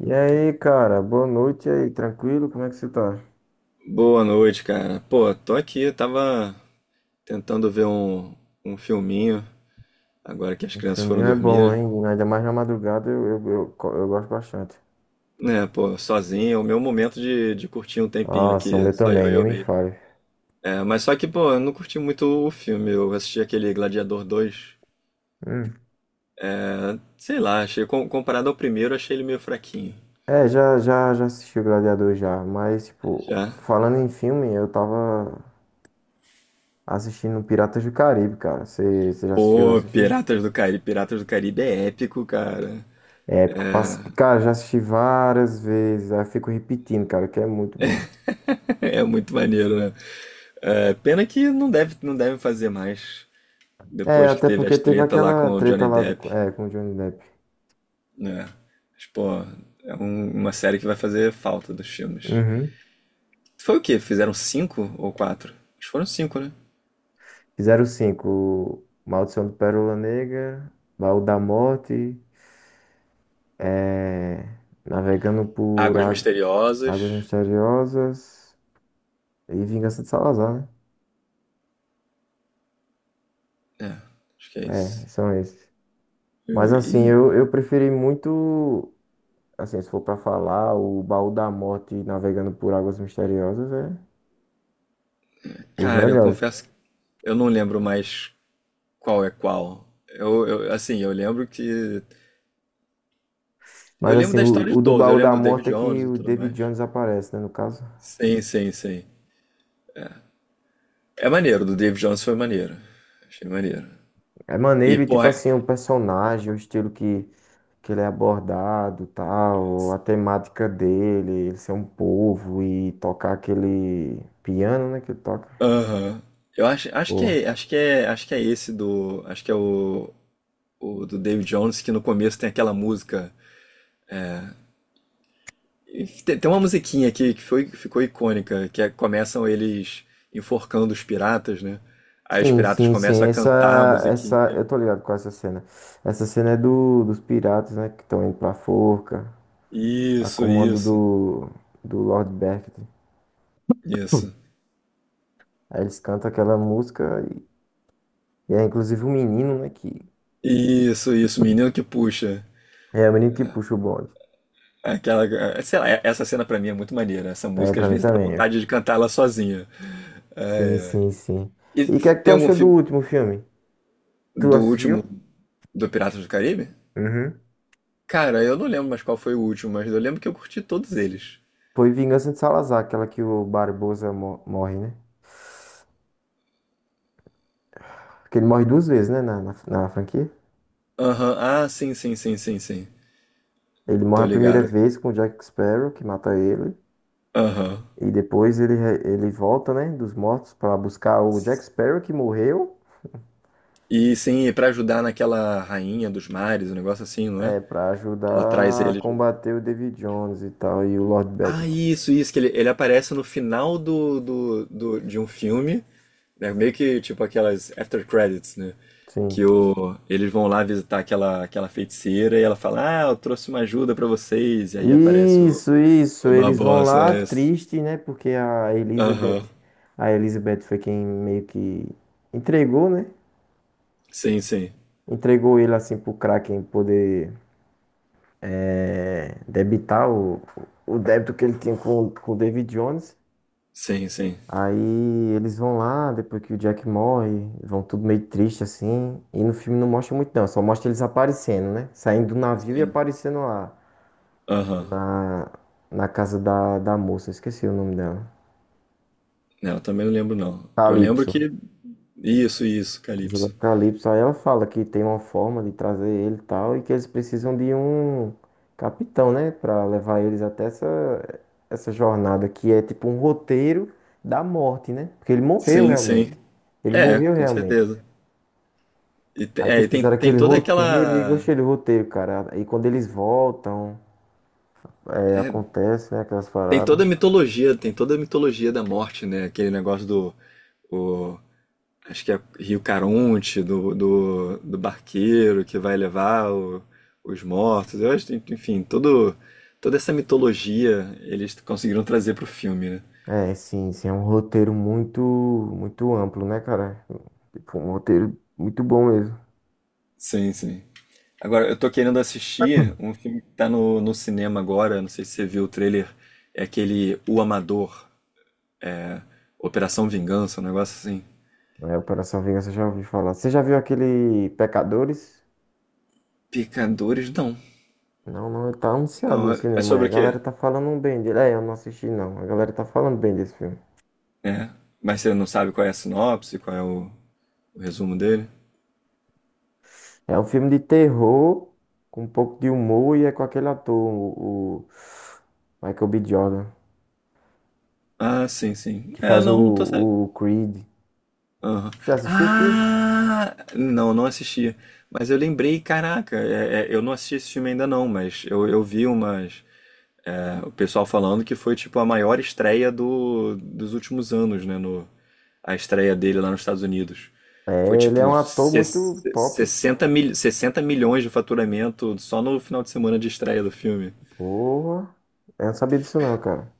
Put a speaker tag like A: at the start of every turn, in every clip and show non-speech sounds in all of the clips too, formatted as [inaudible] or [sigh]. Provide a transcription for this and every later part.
A: E aí, cara, boa noite e aí, tranquilo? Como é que você tá?
B: Boa noite, cara. Pô, tô aqui, tava tentando ver um filminho, agora que as
A: O
B: crianças foram
A: filminho é bom,
B: dormir.
A: hein? Ainda mais na madrugada eu gosto bastante.
B: Né, pô, sozinho, é o meu momento de curtir um tempinho
A: Nossa, o
B: aqui,
A: meu
B: só
A: também,
B: eu e
A: nem
B: eu
A: me
B: mesmo.
A: fale.
B: É, mas só que, pô, eu não curti muito o filme, eu assisti aquele Gladiador dois.
A: Hum.
B: Sei lá, achei, comparado ao primeiro, achei ele meio fraquinho.
A: É, já assisti o Gladiador já, mas, tipo,
B: Já.
A: falando em filme, eu tava assistindo Piratas do Caribe, cara. Você já assistiu?
B: Pô,
A: Assistir?
B: Piratas do Caribe é épico, cara. [laughs]
A: É, porque, cara, já assisti várias vezes, aí eu fico repetindo, cara, que é muito bom.
B: É muito maneiro, né? É, pena que não deve fazer mais.
A: É,
B: Depois que
A: até
B: teve
A: porque
B: as
A: teve
B: treta lá com
A: aquela
B: o
A: treta
B: Johnny
A: lá
B: Depp,
A: do, com o Johnny Depp.
B: né? Mas, pô, é uma série que vai fazer falta dos filmes.
A: Uhum.
B: Foi o quê? Fizeram cinco ou quatro? Acho que foram cinco, né?
A: Fizeram cinco. Maldição do Pérola Negra, Baú da Morte, eh, Navegando por
B: Águas
A: Águas
B: Misteriosas.
A: Misteriosas e Vingança de Salazar, né?
B: É, acho que é
A: É,
B: isso.
A: são esses.
B: E-
A: Mas assim,
B: e,
A: eu preferi muito, assim, se for pra falar, o Baú da Morte e Navegando por Águas Misteriosas é os
B: cara, eu
A: melhores.
B: confesso que eu não lembro mais qual é qual. Assim, eu lembro que. Eu
A: Mas
B: lembro
A: assim,
B: da
A: o,
B: história de
A: o do
B: todos, eu
A: Baú da
B: lembro do David
A: Morte é
B: Jones
A: que
B: e
A: o
B: tudo
A: David
B: mais.
A: Jones aparece, né, no caso.
B: Sim, sim, sim. É maneiro, do David Jones foi maneiro. Achei maneiro.
A: É
B: E,
A: maneiro e tipo
B: porra.
A: assim, o personagem, o estilo que ele é abordado, tal, a temática dele, ele ser um povo e tocar aquele piano, né, que ele toca.
B: Aham. Eu acho que
A: Pô.
B: é esse do, acho que é o do David Jones que no começo tem aquela música. E tem uma musiquinha aqui que ficou icônica, que é, começam eles enforcando os piratas, né? Aí os
A: Sim,
B: piratas
A: sim, sim,
B: começam a cantar a
A: essa, eu
B: musiquinha.
A: tô ligado com essa cena. Essa cena é do, dos piratas, né, que estão indo pra forca, a
B: Isso,
A: comando
B: isso,
A: do Lord Beckett.
B: isso.
A: Aí eles cantam aquela música e é inclusive o menino, né,
B: Isso, menino que puxa.
A: é o menino que puxa o bonde.
B: Aquela, sei lá, essa cena pra mim é muito maneira. Essa
A: É,
B: música às
A: pra mim
B: vezes dá
A: também.
B: vontade de cantar ela sozinha.
A: Sim, sim, sim.
B: E
A: E o que é que tu
B: tem algum
A: achou do
B: filme
A: último filme? Tu
B: do
A: assistiu?
B: último do Piratas do Caribe?
A: Uhum.
B: Cara, eu não lembro mais qual foi o último, mas eu lembro que eu curti todos eles.
A: Foi Vingança de Salazar, aquela que o Barbosa morre, né? Porque ele morre duas vezes, né, na franquia.
B: Aham, ah, sim, sim, sim, sim, sim.
A: Ele morre
B: Tô
A: a primeira
B: ligado.
A: vez com o Jack Sparrow, que mata ele.
B: Aham.
A: E depois ele volta, né, dos mortos pra buscar o Jack Sparrow, que morreu,
B: E sim, e pra ajudar naquela rainha dos mares, um negócio assim, não é?
A: para
B: Que ela traz
A: ajudar a
B: eles.
A: combater o David Jones e tal, e o Lord
B: Ah,
A: Beckett.
B: isso, que ele aparece no final de um filme, né? Meio que tipo aquelas after credits, né? Que
A: Sim.
B: o, eles vão lá visitar aquela feiticeira e ela fala, ah, eu trouxe uma ajuda pra vocês. E aí aparece o,
A: Isso, isso.
B: o
A: Eles vão
B: Barbosa.
A: lá
B: É esse.
A: triste, né, porque a Elizabeth,
B: Aham.
A: a Elizabeth foi quem meio que entregou, né?
B: Sim, sim.
A: Entregou ele assim pro Kraken poder debitar o débito que ele tinha com o David Jones.
B: Sim, sim,
A: Aí eles vão lá, depois que o Jack morre, vão tudo meio triste assim. E no filme não mostra muito não, só mostra eles aparecendo, né? Saindo do navio e
B: sim.
A: aparecendo lá
B: Aham.
A: na, na casa da moça, esqueci o nome dela.
B: Não, eu também não lembro, não. Eu lembro
A: Calypso.
B: que. Isso,
A: Casa do
B: Calypso.
A: Apocalipse. Aí ela fala que tem uma forma de trazer ele e tal, e que eles precisam de um capitão, né? Pra levar eles até essa jornada, que é tipo um roteiro da morte, né? Porque ele morreu
B: Sim,
A: realmente.
B: sim.
A: Ele
B: É,
A: morreu
B: com
A: realmente.
B: certeza. E,
A: Aí
B: é, e
A: tipo,
B: tem,
A: fizeram
B: tem
A: aquele
B: toda
A: roteiro e
B: aquela.
A: gostei do roteiro, cara. E quando eles voltam,
B: É,
A: acontece, né? Aquelas
B: tem
A: paradas.
B: toda a mitologia, tem toda a mitologia da morte, né? Aquele negócio do. o- Acho que é Rio Caronte, do barqueiro que vai levar os mortos. Eu acho, que, enfim, toda essa mitologia eles conseguiram trazer pro filme, né?
A: É, sim, sim, é um roteiro muito, muito amplo, né, cara? Tipo, um roteiro muito bom mesmo.
B: Sim, sim. Agora, eu tô querendo assistir um filme que tá no cinema agora, não sei se você viu o trailer, é aquele O Amador, Operação Vingança, um negócio assim.
A: É, Operação Vingança, já ouvi falar. Você já viu aquele Pecadores?
B: Pecadores, não.
A: Não, não, ele tá anunciado no
B: Não, é
A: cinema. Aí
B: sobre
A: a
B: o quê?
A: galera tá falando bem dele. É, eu não assisti, não. A galera tá falando bem desse filme.
B: É, mas você não sabe qual é a sinopse, qual é o resumo dele?
A: É um filme de terror, com um pouco de humor, e é com aquele ator, o Michael B. Jordan,
B: Ah, sim, sim.
A: que
B: É,
A: faz o,
B: não, não tô sabendo.
A: o Creed.
B: Aham.
A: Você assistiu o Creed?
B: Ah, não, não assisti. Mas eu lembrei, caraca, é, eu não assisti esse filme ainda não, mas eu vi umas. O pessoal falando que foi tipo a maior estreia dos últimos anos, né? No, a estreia dele lá nos Estados Unidos. Foi
A: É, ele é um
B: tipo
A: ator muito
B: ses-
A: top.
B: 60, mil, 60 milhões de faturamento só no final de semana de estreia do filme.
A: Porra. Eu não sabia disso, não, cara.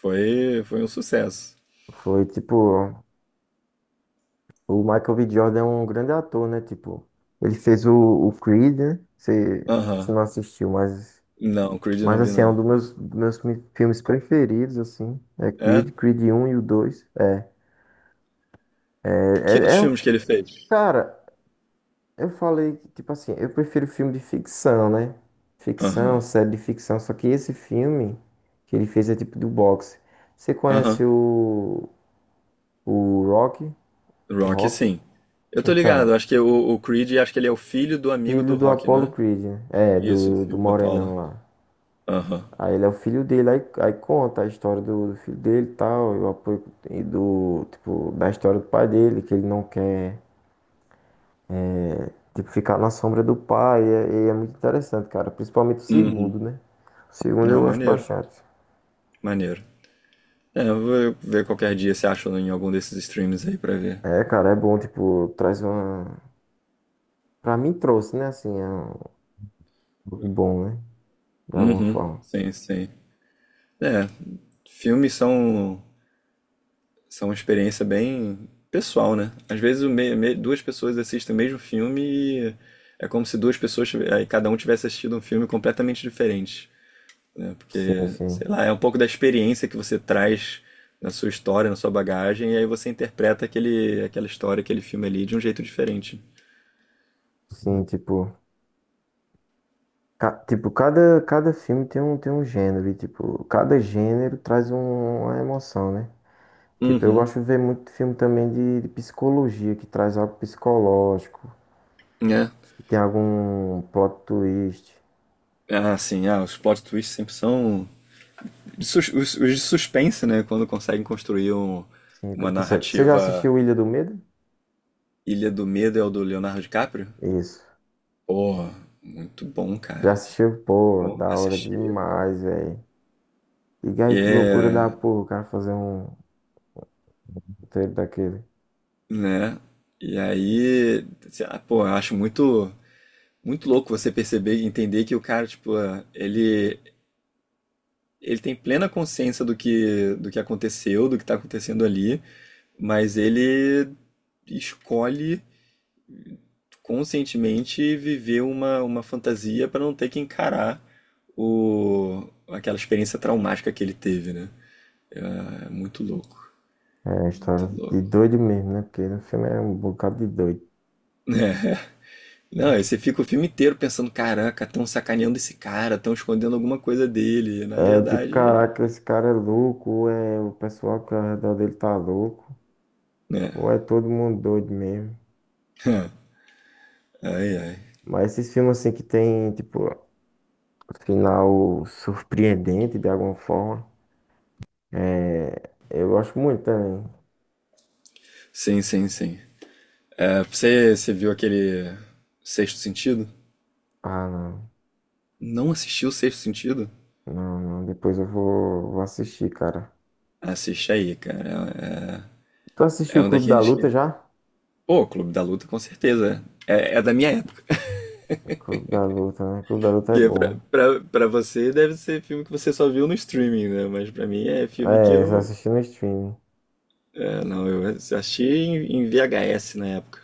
B: Foi um sucesso.
A: Foi tipo. O Michael B. Jordan é um grande ator, né? Tipo, ele fez o Creed, né? Você
B: Aham.
A: não assistiu, mas,
B: Não, Creed eu não vi
A: assim, é um
B: não.
A: dos meus filmes preferidos, assim. É
B: É?
A: Creed, Creed um e o 2. É,
B: Que
A: é,
B: outros
A: é um
B: filmes
A: fi-
B: que ele fez?
A: Cara, eu falei que, tipo assim, eu prefiro filme de ficção, né?
B: Aham.
A: Ficção, série de ficção. Só que esse filme que ele fez é tipo do boxe. Você
B: Aham.
A: conhece o Rock? O
B: Rock,
A: Rock?
B: sim. Eu tô
A: Então.
B: ligado, acho que o Creed, acho que ele é o filho do amigo
A: Filho
B: do
A: do
B: Rock,
A: Apollo
B: né?
A: Creed, né? É,
B: Isso,
A: do
B: filho da
A: Morenão
B: Paula.
A: lá.
B: Aham.
A: Aí ele é o filho dele, aí conta a história do filho dele e tal, e o apoio e do, tipo, da história do pai dele, que ele não quer, tipo, ficar na sombra do pai, e é muito interessante, cara, principalmente o
B: Uhum.
A: segundo, né? O segundo eu
B: Não,
A: gosto
B: maneiro,
A: bastante.
B: maneiro. É, eu vou ver qualquer dia se acha em algum desses streams aí pra ver.
A: É, cara, é bom, tipo, traz uma... Pra mim trouxe, né, assim, é algo bom, né? De alguma
B: Uhum,
A: forma.
B: sim, sim. É, filmes são uma experiência bem pessoal, né? Às vezes duas pessoas assistem o mesmo filme e é como se duas pessoas, aí cada um tivesse assistido um filme completamente diferente, né?
A: Sim,
B: Porque, sei
A: sim.
B: lá, é um pouco da experiência que você traz na sua história, na sua bagagem, e aí você interpreta aquela história, aquele filme ali de um jeito diferente.
A: Sim, tipo... Tipo, cada filme tem um gênero, e tipo, cada gênero traz uma emoção, né? Tipo, eu
B: Uhum.
A: gosto de ver muito filme também de psicologia, que traz algo psicológico,
B: É,
A: que tem algum plot twist.
B: ah, sim, ah, os plot twists sempre são de os de suspense, né? Quando conseguem construir
A: Sim,
B: uma
A: você já
B: narrativa.
A: assistiu Ilha do Medo?
B: Ilha do Medo é o do Leonardo DiCaprio.
A: Isso.
B: Porra, muito bom,
A: Já
B: cara.
A: assistiu? Pô,
B: Bom
A: da hora
B: assistir.
A: demais, velho. E aí, que loucura
B: É,
A: da porra, o cara fazer um roteiro daquele.
B: né? E aí, sei lá, pô, eu acho muito muito louco você perceber e entender que o cara, tipo, ah, ele tem plena consciência do que aconteceu, do que tá acontecendo ali, mas ele escolhe conscientemente viver uma fantasia para não ter que encarar aquela experiência traumática que ele teve, né? É muito louco,
A: É, história
B: muito
A: de
B: louco.
A: doido mesmo, né? Porque no filme é um bocado de doido.
B: Não, aí você fica o filme inteiro pensando, caraca, estão sacaneando esse cara, estão escondendo alguma coisa dele. E, na
A: É tipo,
B: verdade,
A: caraca,
B: é.
A: esse cara é louco, ou é o pessoal que ao redor dele tá louco,
B: Né?
A: ou é todo mundo doido mesmo.
B: [laughs] Ai, ai.
A: Mas esses filmes assim que tem, tipo, final surpreendente de alguma forma, eu gosto muito também.
B: Sim, sim, sim. É, você viu aquele Sexto Sentido?
A: Ah, não,
B: Não assistiu o Sexto Sentido?
A: não, não, depois eu vou assistir, cara.
B: Assiste aí, cara.
A: Tu
B: É,
A: assistiu
B: é
A: o
B: um
A: Clube da
B: daqueles
A: Luta
B: que.
A: já?
B: Pô, Clube da Luta, com certeza. É da minha época.
A: Clube da Luta, né? Clube da Luta é
B: Porque pra,
A: bom.
B: pra, pra você deve ser filme que você só viu no streaming, né? Mas pra mim é filme que
A: É, só
B: eu.
A: assisti no streaming.
B: É, não, eu assisti em VHS na época.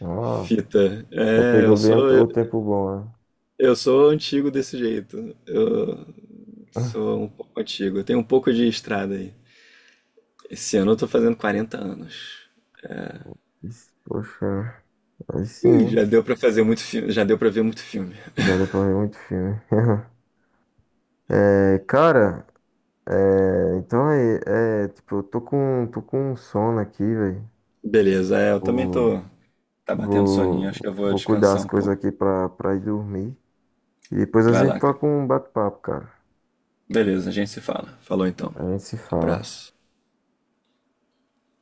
A: Ó,
B: Fita.
A: então
B: É,
A: pegou
B: eu
A: bem
B: sou,
A: o
B: eu,
A: o tempo bom, né?
B: eu sou antigo desse jeito. Eu sou um pouco antigo. Eu tenho um pouco de estrada aí. Esse ano eu tô fazendo 40 anos.
A: [laughs] Isso, poxa, aí sim,
B: Ih,
A: né?
B: já deu pra fazer muito filme, já deu pra ver muito filme.
A: Já deu pra ver muito filme. [laughs] É, cara, é, então tipo, eu tô com um sono aqui, velho.
B: Beleza, é, eu também
A: Vou,
B: tô. Tá batendo soninho, acho que
A: vou,
B: eu vou
A: vou cuidar
B: descansar
A: as
B: um
A: coisas
B: pouco.
A: aqui pra ir dormir. E depois a
B: Vai
A: gente
B: lá, cara.
A: toca um bate-papo, cara.
B: Beleza, a gente se fala. Falou então.
A: A gente se fala.
B: Abraço.